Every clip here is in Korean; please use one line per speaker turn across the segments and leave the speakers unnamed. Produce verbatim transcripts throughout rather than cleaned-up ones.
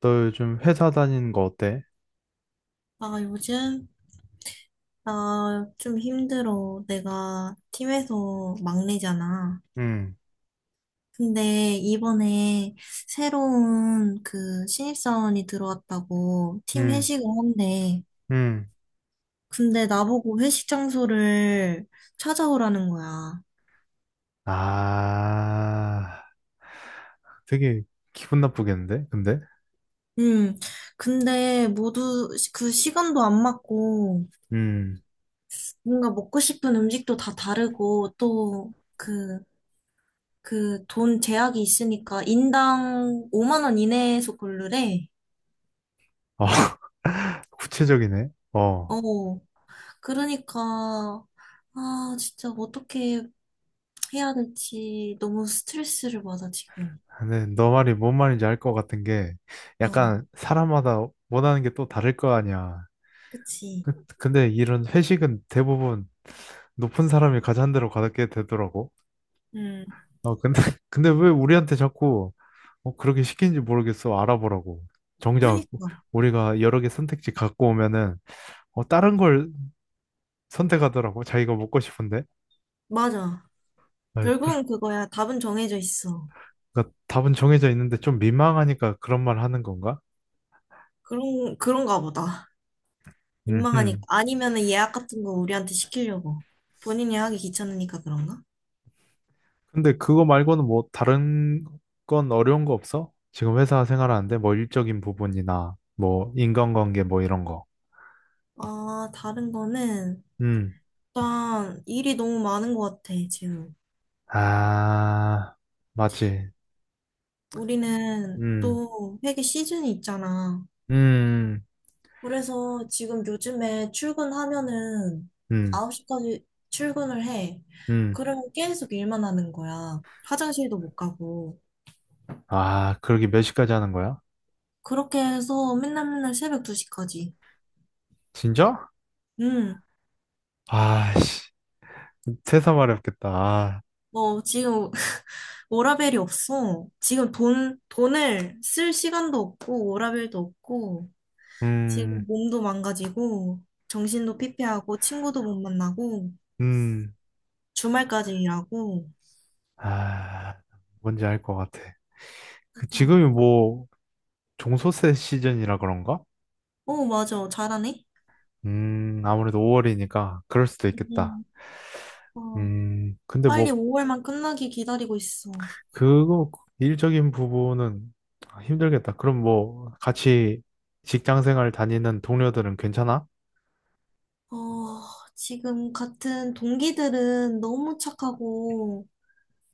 너 요즘 회사 다니는 거 어때?
아, 요즘? 나 좀 힘들어. 내가 팀에서 막내잖아.
응,
근데 이번에 새로운 그 신입사원이 들어왔다고 팀
응,
회식을 한대.
응.
근데 나보고 회식 장소를 찾아오라는 거야.
아, 되게 기분 나쁘겠는데? 근데?
음, 근데 모두 시- 그 시간도 안 맞고
음,
뭔가 먹고 싶은 음식도 다 다르고 또그 그 돈 제약이 있으니까 인당 오만 원 이내에서 고르래.
어, 구체적이네. 어,
어, 그러니까 아, 진짜 어떻게 해야 될지 너무 스트레스를 받아 지금.
근데 너 말이 뭔 말인지 알 것 같은 게
어,
약간 사람마다 원하는 게 또 다를 거 아니야.
그치.
그- 근데 이런 회식은 대부분 높은 사람이 가잔 대로 가게 되더라고.
음,
어, 근데, 근데 왜 우리한테 자꾸 어, 그렇게 시킨지 모르겠어. 알아보라고. 정작
그니까
우리가 여러 개 선택지 갖고 오면은 어, 다른 걸 선택하더라고. 자기가 먹고 싶은데.
맞아.
아, 그, 러니
결국은 그거야. 답은 정해져 있어.
까 답은 정해져 있는데 좀 민망하니까 그런 말 하는 건가?
그런 그런가 보다. 민망하니까
음.
아니면은 예약 같은 거 우리한테 시키려고. 본인이 하기 귀찮으니까 그런가?
근데 그거 말고는 뭐 다른 건 어려운 거 없어? 지금 회사 생활하는데 뭐 일적인 부분이나 뭐 인간관계 뭐 이런 거.
아, 다른 거는
음.
일단 일이 너무 많은 것 같아, 지금.
아, 맞지.
우리는
음.
또 회계 시즌이 있잖아.
음.
그래서 지금 요즘에 출근하면은
음.
아홉 시까지 출근을 해.
음.
그러면 계속 일만 하는 거야. 화장실도 못 가고.
아, 그러게 몇 시까지 하는 거야?
그렇게 해서 맨날 맨날 새벽 두 시까지.
진짜?
음,
아씨, 세상 말이 렵겠다 아,
뭐 지금 워라밸이 없어. 지금 돈, 돈을 쓸 시간도 없고 워라밸도 없고 지금
음,
몸도 망가지고 정신도 피폐하고 친구도 못 만나고
음,
주말까지 일하고
아, 뭔지 알 것 같아. 그 지금이 뭐 종소세 시즌이라 그런가?
어, 맞아. 잘하네.
음, 아무래도 오 월 그럴 수도 있겠다.
음. 어,
음, 근데
빨리
뭐
오월만 끝나길 기다리고 있어.
그거 일적인 부분은 힘들겠다. 그럼 뭐 같이 직장 생활 다니는 동료들은 괜찮아?
어, 지금 같은 동기들은 너무 착하고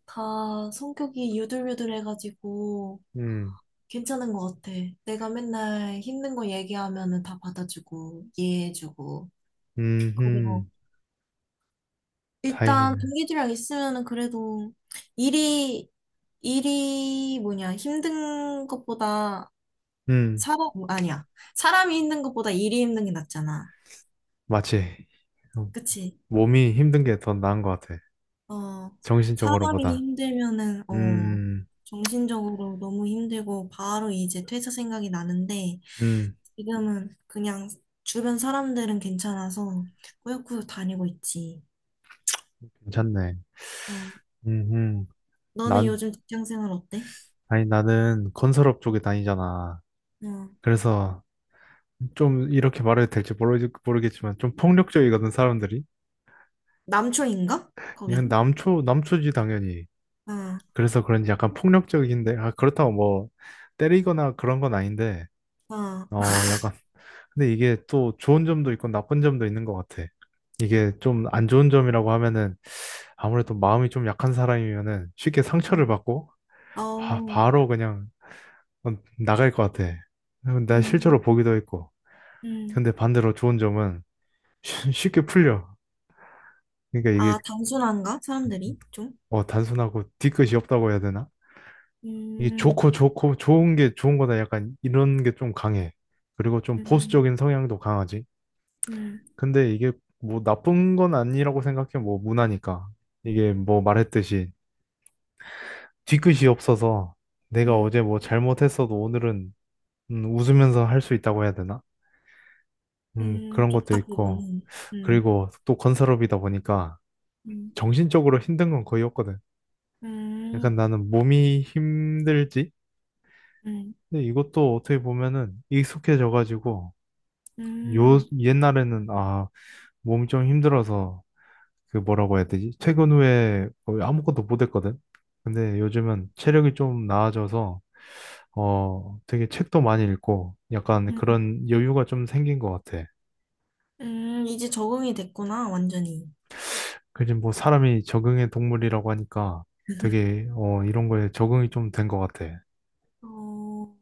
다 성격이 유들유들해가지고
음,
괜찮은 것 같아. 내가 맨날 힘든 거 얘기하면은 다 받아주고 이해해주고
음,
그리고
음, 다행이네.
일단 동기들이랑 있으면은 그래도 일이 일이 뭐냐 힘든 것보다
음,
사람, 어, 아니야. 사람이 힘든 것보다 일이 힘든 게 낫잖아.
맞지.
그치?
몸이 힘든 게 더 나은 것 같아.
어, 사람이
정신적으로보다.
힘들면은, 어,
음,
정신적으로 너무 힘들고 바로 이제 퇴사 생각이 나는데
음,
지금은 그냥 주변 사람들은 괜찮아서 꾸역꾸역 다니고 있지.
괜찮네.
어,
음, 음.
너는
난,
요즘 직장 생활 어때?
아니, 나는 건설업 쪽에 다니잖아.
어,
그래서 좀 이렇게 말해도 될지 모르, 모르겠지만 좀 폭력적이거든, 사람들이.
남초인가? 거기?
그냥 남초, 남초지, 당연히.
아,
그래서 그런지 약간 폭력적인데, 아, 그렇다고 뭐 때리거나 그런 건 아닌데,
아,
어, 약간. 근데 이게 또 좋은 점도 있고 나쁜 점도 있는 것 같아. 이게 좀 안 좋은 점이라고 하면은 아무래도 마음이 좀 약한 사람이면은 쉽게 상처를
음,
받고 아,
어우,
바로 그냥 어, 나갈 것 같아. 나
음,
실제로 보기도 했고.
음.
근데 반대로 좋은 점은 쉬- 쉽게 풀려. 그러니까
아,
이게
단순한가? 사람들이 좀?
어, 단순하고 뒤끝이 없다고 해야 되나? 이게
음,
좋고 좋고 좋은 게 좋은 거다 약간 이런 게 좀 강해. 그리고 좀
음.
보수적인 성향도 강하지.
음,
근데 이게 뭐 나쁜 건 아니라고 생각해. 뭐 문화니까. 이게 뭐 말했듯이 뒤끝이 없어서 내가
음,
어제 뭐 잘못했어도 오늘은 음, 웃으면서 할 수 있다고 해야 되나? 음,
음,
그런 것도
좋다,
있고.
그거는. 음,
그리고 또 건설업이다 보니까
음,
정신적으로 힘든 건 거의 없거든. 약간
음,
나는 몸이 힘들지?
음,
근데 이것도 어떻게 보면은 익숙해져가지고 요
음,
옛날에는 아, 몸이 좀 힘들어서 그 뭐라고 해야 되지? 퇴근 후에 거의 아무것도 못했거든. 근데 요즘은 체력이 좀 나아져서 어 되게 책도 많이 읽고 약간
음,
그런 여유가 좀 생긴 것 같아.
음, 이제 적응이 됐구나, 완전히.
그지 뭐 사람이 적응의 동물이라고 하니까 되게 어 이런 거에 적응이 좀 된 것 같아.
어,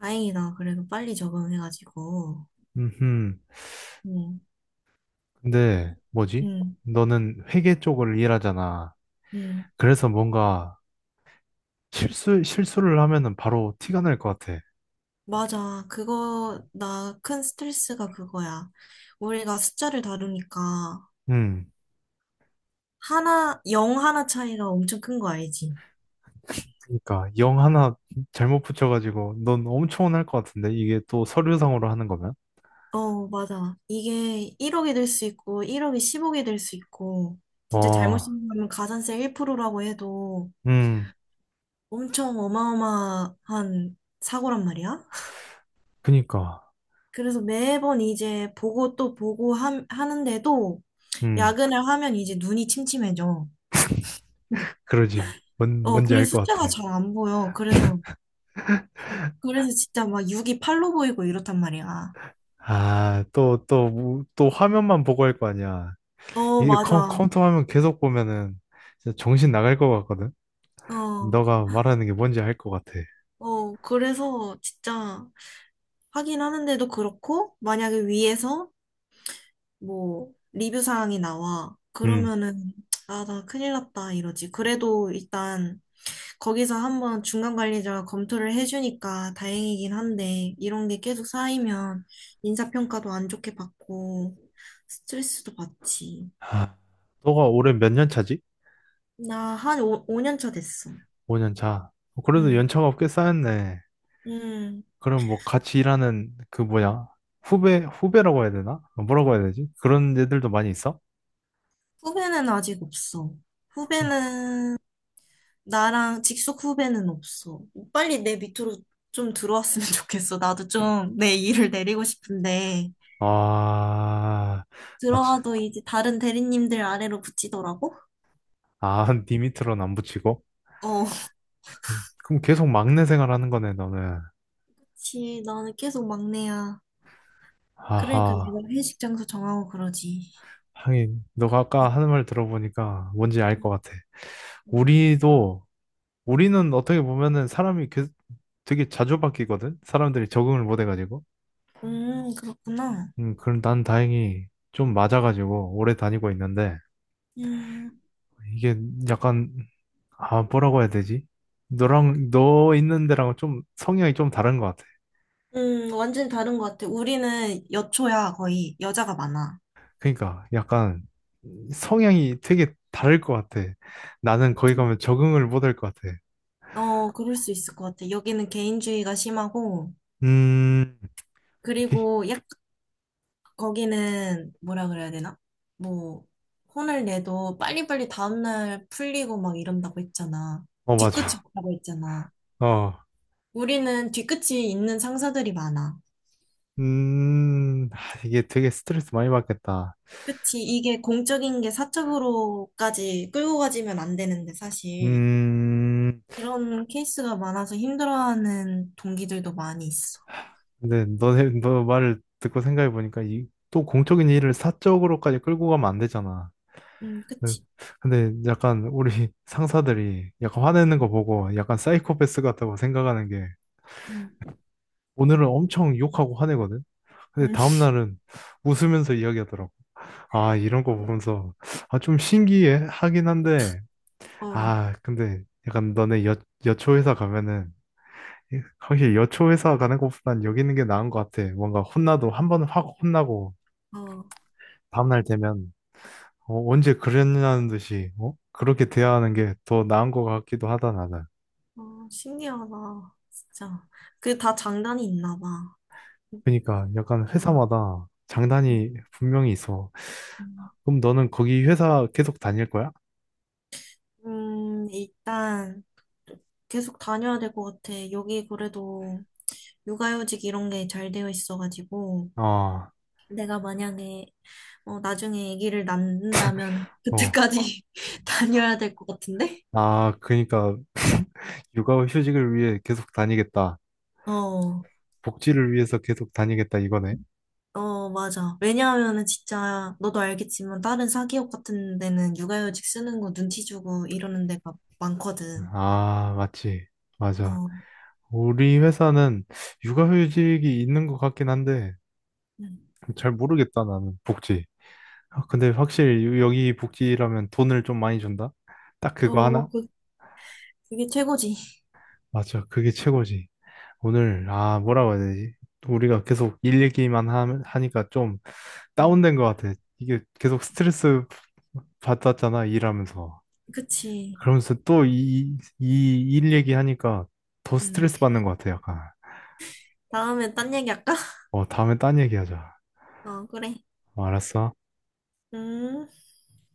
다행이다. 그래도 빨리 적응해가지고.
음,
음,
근데 뭐지?
음,
너는 회계 쪽을 일하잖아.
음.
그래서 뭔가 실수 실수를 하면은 바로 티가 날 것 같아.
맞아. 그거, 나 큰 스트레스가 그거야. 우리가 숫자를 다루니까,
음,
하나, 영 하나 차이가 엄청 큰 거 알지?
그러니까 영 하나 잘못 붙여가지고 넌 엄청 혼날 것 같은데 이게 또 서류상으로 하는 거면?
어, 맞아. 이게 일억이 될 수 있고, 일억이 십억이 될 수 있고, 진짜 잘못
어,
신고하면 가산세 일 프로라고 해도
음,
엄청 어마어마한 사고란 말이야.
그니까,
그래서 매번 이제 보고 또 보고 하, 하는데도
음,
야근을 하면 이제 눈이 침침해져.
그러지. 뭔
어,
뭔지 알
그래서
것 같아.
숫자가 잘 안 보여. 그래서, 그래서 진짜 막 육이 팔로 보이고 이렇단 말이야.
아, 또, 또, 뭐, 또 화면만 보고 할 거 아니야.
어,
이게 컴,
맞아.
컴퓨터 화면 계속 보면은 진짜 정신 나갈 것 같거든.
어,
너가 말하는 게 뭔지 알 것 같아.
어, 그래서 진짜 하긴 하는데도 그렇고, 만약에 위에서 뭐 리뷰 사항이 나와.
음.
그러면은 아, 나 큰일 났다 이러지. 그래도 일단 거기서 한번 중간 관리자가 검토를 해주니까 다행이긴 한데 이런 게 계속 쌓이면 인사평가도 안 좋게 받고 스트레스도 받지.
하, 너가 올해 몇 년 차지?
나 한 오 년 차 됐어.
오 년 차. 어, 그래도
응,
연차가 꽤 쌓였네.
응.
그럼 뭐 같이 일하는 그 뭐냐? 후배, 후배라고 해야 되나? 어, 뭐라고 해야 되지? 그런 애들도 많이 있어?
후배는 아직 없어. 후배는 나랑 직속 후배는 없어. 빨리 내 밑으로 좀 들어왔으면 좋겠어. 나도 좀 내 일을 내리고 싶은데.
아, 마치,
들어와도 이제 다른 대리님들 아래로 붙이더라고?
아, 니 밑으로는 안 붙이고?
어.
그럼 그럼 계속 막내 생활하는 거네, 너는.
그치, 나는 계속 막내야. 그러니까 내가
아하,
회식 장소 정하고 그러지.
하긴, 너가
아,
아까 하는 말 들어보니까 뭔지 알 것 같아.
음,
우리도, 우리는 어떻게 보면은 사람이 계- 되게 자주 바뀌거든? 사람들이 적응을 못 해가지고.
음, 그렇구나.
음, 그럼 난 다행히 좀 맞아가지고 오래 다니고 있는데,
음,
이게 약간, 아, 뭐라고 해야 되지? 너랑, 너 있는 데랑 좀 성향이 좀 다른 것 같아.
음, 완전 다른 것 같아. 우리는 여초야, 거의. 여자가 많아.
그러니까 약간 성향이 되게 다를 것 같아. 나는 거기
좀,
가면 적응을 못할 것 같아.
어, 그럴 수 있을 것 같아. 여기는 개인주의가 심하고,
음, 여기?
그리고 약점이 거기는 뭐라 그래야 되나? 뭐 혼을 내도 빨리빨리 다음날 풀리고 막 이런다고 했잖아.
어,
뒤끝이
맞아.
없다고 했잖아.
어,
우리는 뒤끝이 있는 상사들이 많아.
음, 아, 이게 되게 스트레스 많이 받겠다.
그치? 이게 공적인 게 사적으로까지 끌고 가지면 안 되는데 사실
음,
그런 케이스가 많아서 힘들어하는 동기들도 많이 있어.
근데 너네 너 말을 듣고 생각해 보니까 이 또 공적인 일을 사적으로까지 끌고 가면 안 되잖아.
음,
네.
그치?
근데 약간 우리 상사들이 약간 화내는 거 보고 약간 사이코패스 같다고 생각하는 게
음,
오늘은 엄청 욕하고 화내거든. 근데
음.
다음 날은 웃으면서 이야기하더라고. 아 이런 거 보면서 아 좀 신기해 하긴 한데
어, 어,
아 근데 약간 너네 여 여초 회사 가면은 확실히 여초 회사 가는 것보단 여기 있는 게 나은 것 같아. 뭔가 혼나도 한 번 확 혼나고 다음날 되면 어, 언제 그랬냐는 듯이 어? 그렇게 대하는 게 더 나은 것 같기도 하다 나는.
어, 신기하다. 진짜. 그게 다 장단이 있나 봐.
그러니까 약간
응.
회사마다
음,
장단이 분명히 있어. 그럼 너는 거기 회사 계속 다닐 거야?
음, 일단 계속 다녀야 될 것 같아. 여기 그래도 육아휴직 이런 게 잘 되어 있어가지고
아,
내가 만약에 어, 나중에 아기를 낳는다면
어.
그때까지 다녀야 될 것 같은데?
아, 그러니까 육아 휴직을 위해 계속 다니겠다.
어,
복지를 위해서 계속 다니겠다 이거네.
어, 맞아. 왜냐하면은 진짜 너도 알겠지만 다른 사기업 같은 데는 육아휴직 쓰는 거 눈치 주고 이러는 데가 많거든.
아, 맞지. 맞아.
어,
우리 회사는 육아휴직이 있는 것 같긴 한데
음.
잘 모르겠다 나는 복지. 아, 근데 확실히 여기 복지라면 돈을 좀 많이 준다? 딱 그거
어,
하나?
그, 그게 최고지.
맞아, 그게 최고지. 오늘, 아, 뭐라고 해야 되지? 우리가 계속 일 얘기만 하, 하니까 좀
음,
다운된 것 같아. 이게 계속 스트레스 받았잖아, 일하면서.
그치.
그러면서 또 이, 이 일 얘기하니까 더
음.
스트레스 받는 것 같아, 약간.
다음에 딴 얘기 할까?
어, 다음에 딴 얘기하자.
어, 그래.
어, 알았어.
음.